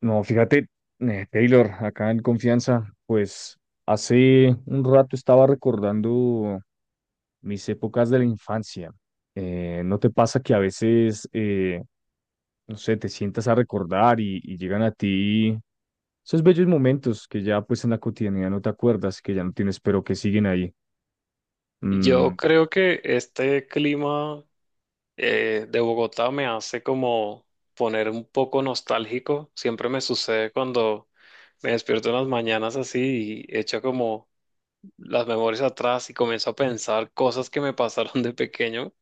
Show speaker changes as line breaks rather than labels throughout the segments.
No, fíjate, Taylor, acá en Confianza, pues hace un rato estaba recordando mis épocas de la infancia. ¿No te pasa que a veces, no sé, te sientas a recordar y llegan a ti esos bellos momentos que ya pues en la cotidianidad no te acuerdas, que ya no tienes, pero que siguen ahí?
Yo
Mm,
creo que este clima de Bogotá me hace como poner un poco nostálgico. Siempre me sucede cuando me despierto en las mañanas así y echo como las memorias atrás y comienzo a pensar cosas que me pasaron de pequeño.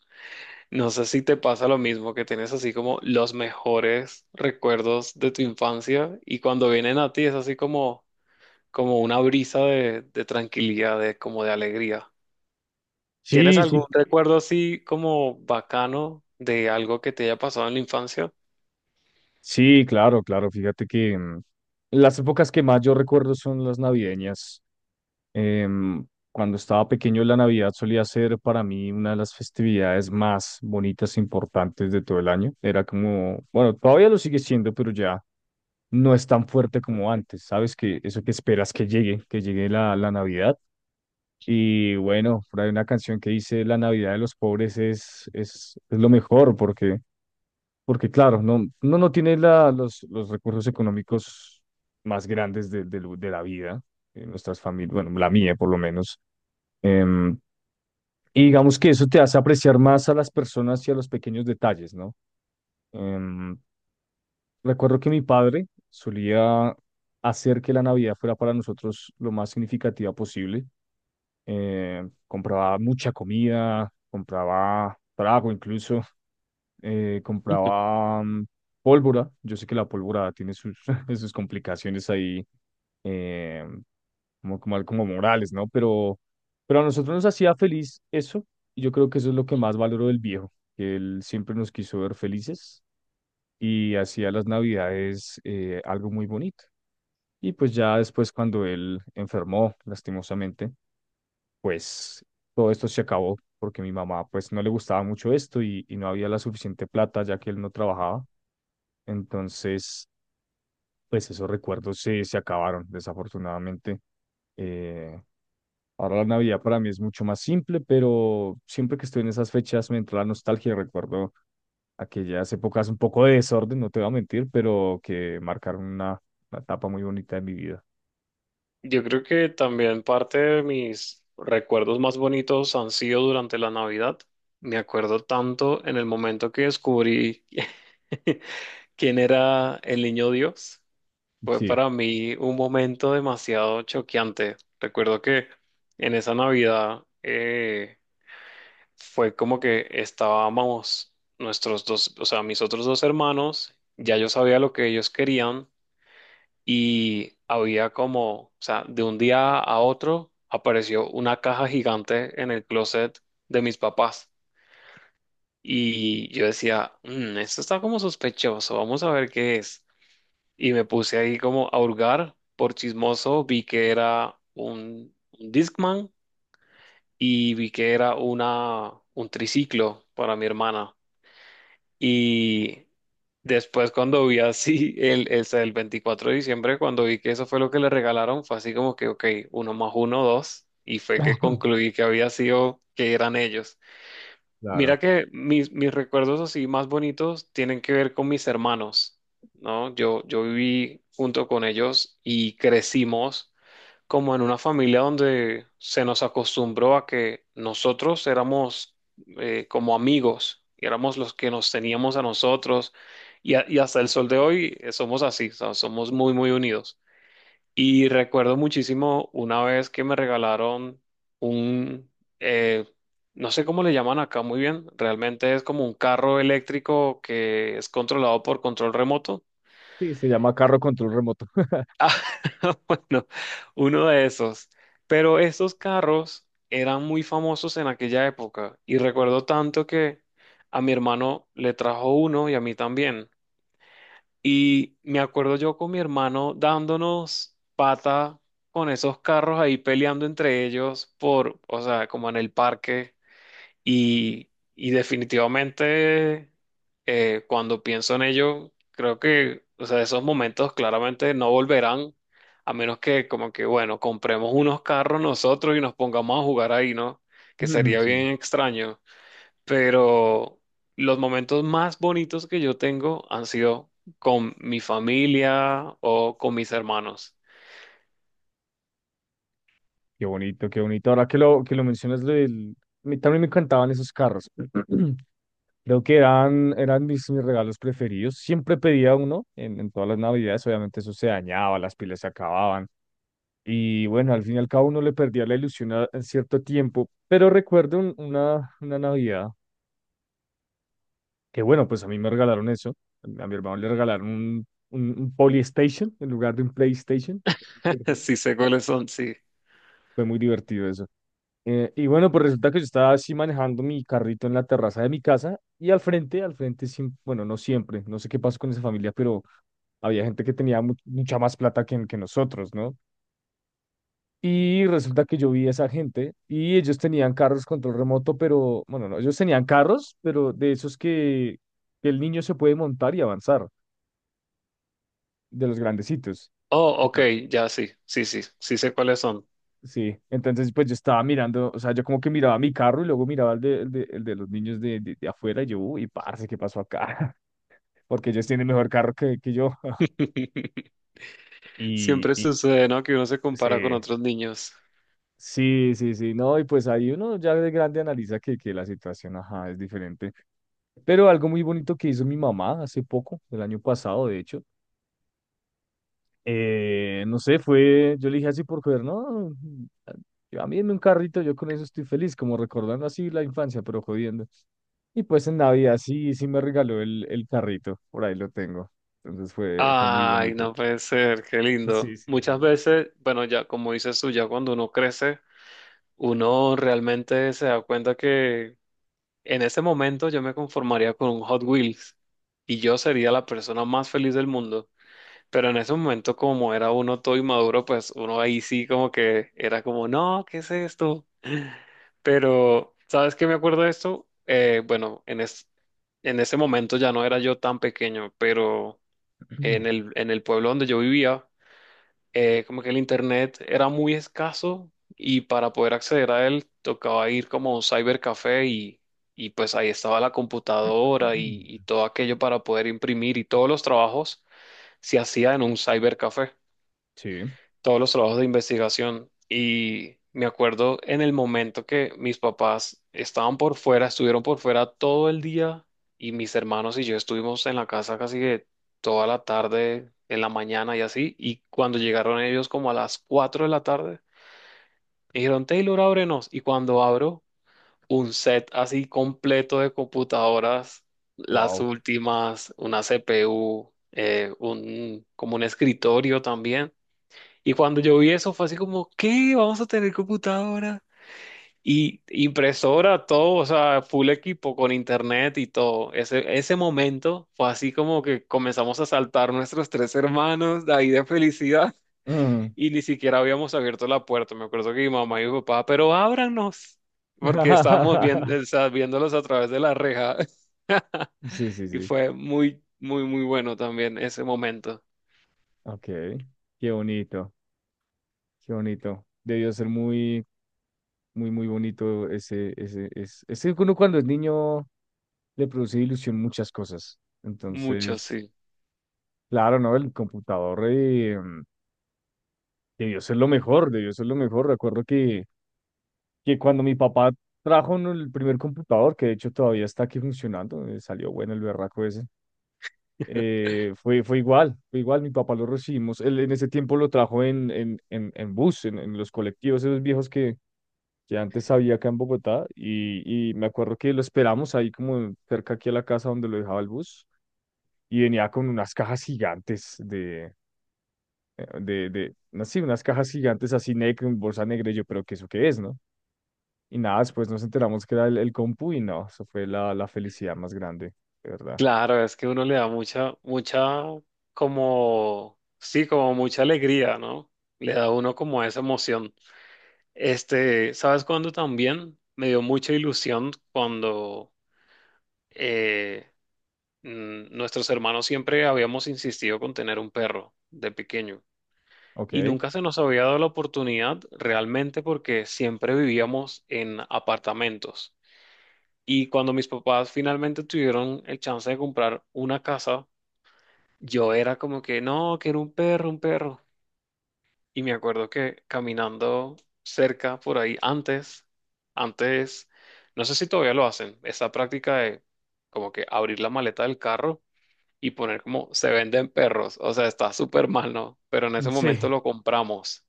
No sé si te pasa lo mismo, que tienes así como los mejores recuerdos de tu infancia y cuando vienen a ti es así como, como una brisa de tranquilidad, de, como de alegría. ¿Tienes
sí, sí,
algún recuerdo así como bacano de algo que te haya pasado en la infancia?
sí, claro, claro, fíjate que las épocas que más yo recuerdo son las navideñas. Em, Cuando estaba pequeño, la Navidad solía ser para mí una de las festividades más bonitas e importantes de todo el año. Era como, bueno, todavía lo sigue siendo, pero ya no es tan fuerte como antes. Sabes que eso que esperas que llegue la Navidad. Y bueno, por ahí una canción que dice La Navidad de los pobres es lo mejor porque, porque claro, no, uno no tiene la, los recursos económicos más grandes de la vida. Nuestras familias, bueno, la mía por lo menos. Em, y digamos que eso te hace apreciar más a las personas y a los pequeños detalles, ¿no? Em, Recuerdo que mi padre solía hacer que la Navidad fuera para nosotros lo más significativa posible. Compraba mucha comida, compraba trago incluso, compraba pólvora. Yo sé que la pólvora tiene sus, sus complicaciones ahí. em, Como, como, como morales, ¿no? Pero a nosotros nos hacía feliz eso, y yo creo que eso es lo que más valoro del viejo, que él siempre nos quiso ver felices y hacía las navidades algo muy bonito. Y pues ya después cuando él enfermó, lastimosamente, pues todo esto se acabó, porque mi mamá pues no le gustaba mucho esto y no había la suficiente plata ya que él no trabajaba. Entonces pues esos recuerdos se acabaron, desafortunadamente. Eh, Ahora la Navidad para mí es mucho más simple, pero siempre que estoy en esas fechas me entra la nostalgia y recuerdo aquellas épocas un poco de desorden, no te voy a mentir, pero que marcaron una etapa muy bonita de mi vida.
Yo creo que también parte de mis recuerdos más bonitos han sido durante la Navidad. Me acuerdo tanto en el momento que descubrí quién era el niño Dios. Fue
Sí,
para mí un momento demasiado choqueante. Recuerdo que en esa Navidad fue como que estábamos nuestros dos, o sea, mis otros dos hermanos, ya yo sabía lo que ellos querían y había como, o sea, de un día a otro apareció una caja gigante en el closet de mis papás y yo decía, "Mm, esto está como sospechoso, vamos a ver qué es". Y me puse ahí como a hurgar, por chismoso, vi que era un Discman y vi que era una, un triciclo para mi hermana. Y después cuando vi así el 24 de diciembre, cuando vi que eso fue lo que le regalaron, fue así como que, ok, uno más uno, dos. Y fue que concluí que había sido, que eran ellos.
claro.
Mira que mis recuerdos así más bonitos tienen que ver con mis hermanos, ¿no? Yo viví junto con ellos y crecimos como en una familia donde se nos acostumbró a que nosotros éramos como amigos, y éramos los que nos teníamos a nosotros, y, y hasta el sol de hoy somos así, o sea, somos muy, muy unidos. Y recuerdo muchísimo una vez que me regalaron un, eh, no sé cómo le llaman acá muy bien, realmente es como un carro eléctrico que es controlado por control remoto.
Sí, se llama carro control remoto.
Ah, bueno, uno de esos. Pero estos carros eran muy famosos en aquella época y recuerdo tanto que a mi hermano le trajo uno y a mí también. Y me acuerdo yo con mi hermano dándonos pata con esos carros ahí peleando entre ellos por, o sea, como en el parque. Y definitivamente, cuando pienso en ello, creo que, o sea, esos momentos claramente no volverán, a menos que como que, bueno, compremos unos carros nosotros y nos pongamos a jugar ahí, ¿no? Que
Mm,
sería
sí,
bien extraño. Pero los momentos más bonitos que yo tengo han sido con mi familia o con mis hermanos.
qué bonito, qué bonito. Ahora que lo mencionas, lo del- a mí también me encantaban esos carros. Creo que eran, eran mis, mis regalos preferidos. Siempre pedía uno en todas las navidades. Obviamente eso se dañaba, las pilas se acababan. Y bueno, al fin y al cabo uno le perdía la ilusión a, en cierto tiempo. Pero recuerdo un- una Navidad que bueno, pues a mí me regalaron eso. A mi hermano le regalaron un Polystation en lugar de un PlayStation. Divertido.
Sí sé cuáles son, sí.
Fue muy divertido eso. Y bueno, pues resulta que yo estaba así manejando mi carrito en la terraza de mi casa y al frente, siem- bueno, no siempre, no sé qué pasó con esa familia, pero había gente que tenía mu- mucha más plata que nosotros, ¿no? Y resulta que yo vi a esa gente y ellos tenían carros control remoto, pero, bueno, no, ellos tenían carros, pero de esos que el niño se puede montar y avanzar, de los grandecitos.
Oh,
¿Qué
ok,
tal?
ya sí, sí, sí, sí sé cuáles son.
Sí, entonces pues yo estaba mirando, o sea, yo como que miraba mi carro y luego miraba el de, el de, el de los niños de afuera y yo, uy, parce, ¿qué pasó acá? Porque ellos tienen mejor carro que yo. Y,
Siempre
y
sucede, ¿no? Que uno se
sí.
compara con otros niños.
Sí, sí, sí, no, y pues ahí uno ya de grande analiza que la situación, ajá, es diferente. Pero algo muy bonito que hizo mi mamá hace poco, el año pasado, de hecho, no sé, fue, yo le dije así por joder, no, a mí en un carrito, yo con eso estoy feliz, como recordando así la infancia, pero jodiendo. Y pues en Navidad sí, sí me regaló el carrito, por ahí lo tengo. Entonces fue, fue muy
Ay,
bonito.
no puede ser, qué
Sí,
lindo.
sí,
Muchas
sí.
veces, bueno, ya como dices tú, ya cuando uno crece, uno realmente se da cuenta que en ese momento yo me conformaría con un Hot Wheels y yo sería la persona más feliz del mundo. Pero en ese momento, como era uno todo inmaduro, pues uno ahí sí como que era como, no, ¿qué es esto? Pero, ¿sabes qué me acuerdo de esto? Bueno, en ese momento ya no era yo tan pequeño, pero en el pueblo donde yo vivía, como que el internet era muy escaso y para poder acceder a él tocaba ir como a un cybercafé y pues ahí estaba la computadora y todo aquello para poder imprimir y todos los trabajos se hacía en un cybercafé,
Sí,
todos los trabajos de investigación. Y me acuerdo en el momento que mis papás estaban por fuera, estuvieron por fuera todo el día y mis hermanos y yo estuvimos en la casa casi que toda la tarde, en la mañana y así, y cuando llegaron ellos como a las 4 de la tarde, me dijeron, "Taylor, ábrenos", y cuando abro un set así completo de computadoras, las
wow.
últimas, una CPU, como un escritorio también. Y cuando yo vi eso fue así como, ¿qué? Vamos a tener computadora y impresora, todo, o sea, full equipo con internet y todo. Ese momento fue así como que comenzamos a saltar nuestros tres hermanos de ahí de felicidad. Y ni siquiera habíamos abierto la puerta. Me acuerdo que mi mamá y mi papá, pero ábranos, porque estábamos viendo, o sea, viéndolos a través de la reja.
Sí, sí,
Y
sí.
fue muy, muy, muy bueno también ese momento.
Ok. Qué bonito, qué bonito. Debió ser muy, muy, muy bonito ese, ese, ese, ese que uno cuando es niño le produce ilusión muchas cosas.
Mucho,
Entonces,
sí.
claro, ¿no? El computador debió ser lo mejor, debió ser lo mejor. Recuerdo que cuando mi papá trajo, ¿no?, el primer computador, que de hecho todavía está aquí funcionando, salió bueno el berraco ese. Fue, fue igual, mi papá lo recibimos, él en ese tiempo lo trajo en bus, en los colectivos, esos viejos que antes había acá en Bogotá, y me acuerdo que lo esperamos ahí como cerca aquí a la casa donde lo dejaba el bus, y venía con unas cajas gigantes de, no sé, unas cajas gigantes así negras, en bolsa negra, y yo, pero ¿qué eso qué es, no? Y nada, después nos enteramos que era el compu y no, eso fue la felicidad más grande, de verdad.
Claro, es que uno le da mucha, mucha, como, sí, como mucha alegría, ¿no? Le da a uno como esa emoción. Este, ¿sabes cuándo también? Me dio mucha ilusión cuando eh, nuestros hermanos siempre habíamos insistido con tener un perro de pequeño y
Ok.
nunca se nos había dado la oportunidad realmente porque siempre vivíamos en apartamentos. Y cuando mis papás finalmente tuvieron el chance de comprar una casa, yo era como que no, que era un perro, un perro. Y me acuerdo que caminando cerca por ahí antes, antes, no sé si todavía lo hacen, esa práctica de como que abrir la maleta del carro y poner como se venden perros. O sea, está súper mal, ¿no? Pero en ese momento
Sí,
lo compramos.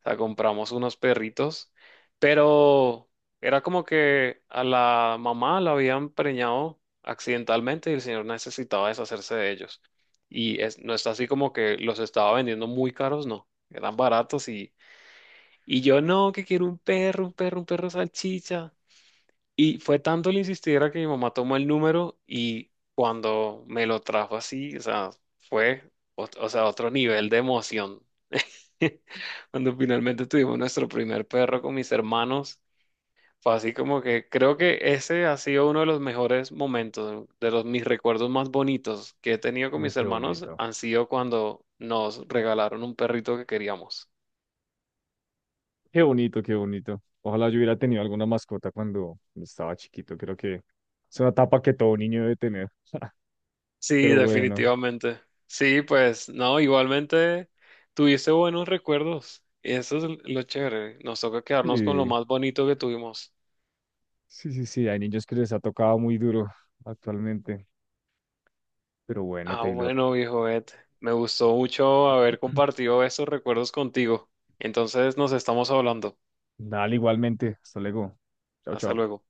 O sea, compramos unos perritos, pero era como que a la mamá la habían preñado accidentalmente y el señor necesitaba deshacerse de ellos. Y es, no está así como que los estaba vendiendo muy caros, no. Eran baratos y yo no, que quiero un perro, un perro, un perro salchicha. Y fue tanto el insistiera que mi mamá tomó el número y cuando me lo trajo así, o sea, fue, o sea, otro nivel de emoción. Cuando finalmente tuvimos nuestro primer perro con mis hermanos, fue así como que creo que ese ha sido uno de los mejores momentos, de los mis recuerdos más bonitos que he tenido con
mm,
mis
qué
hermanos
bonito.
han sido cuando nos regalaron un perrito que queríamos.
Qué bonito, qué bonito. Ojalá yo hubiera tenido alguna mascota cuando estaba chiquito. Creo que es una etapa que todo niño debe tener.
Sí,
Pero bueno,
definitivamente. Sí, pues no, igualmente tuviste buenos recuerdos. Y eso es lo chévere. Nos toca quedarnos con lo
y-
más bonito que tuvimos.
sí, sí, sí, hay niños que les ha tocado muy duro actualmente. Pero bueno,
Ah,
Taylor.
bueno, viejo Ed. Me gustó mucho haber compartido esos recuerdos contigo. Entonces nos estamos hablando.
Dale igualmente. Hasta luego. Chao,
Hasta
chao.
luego.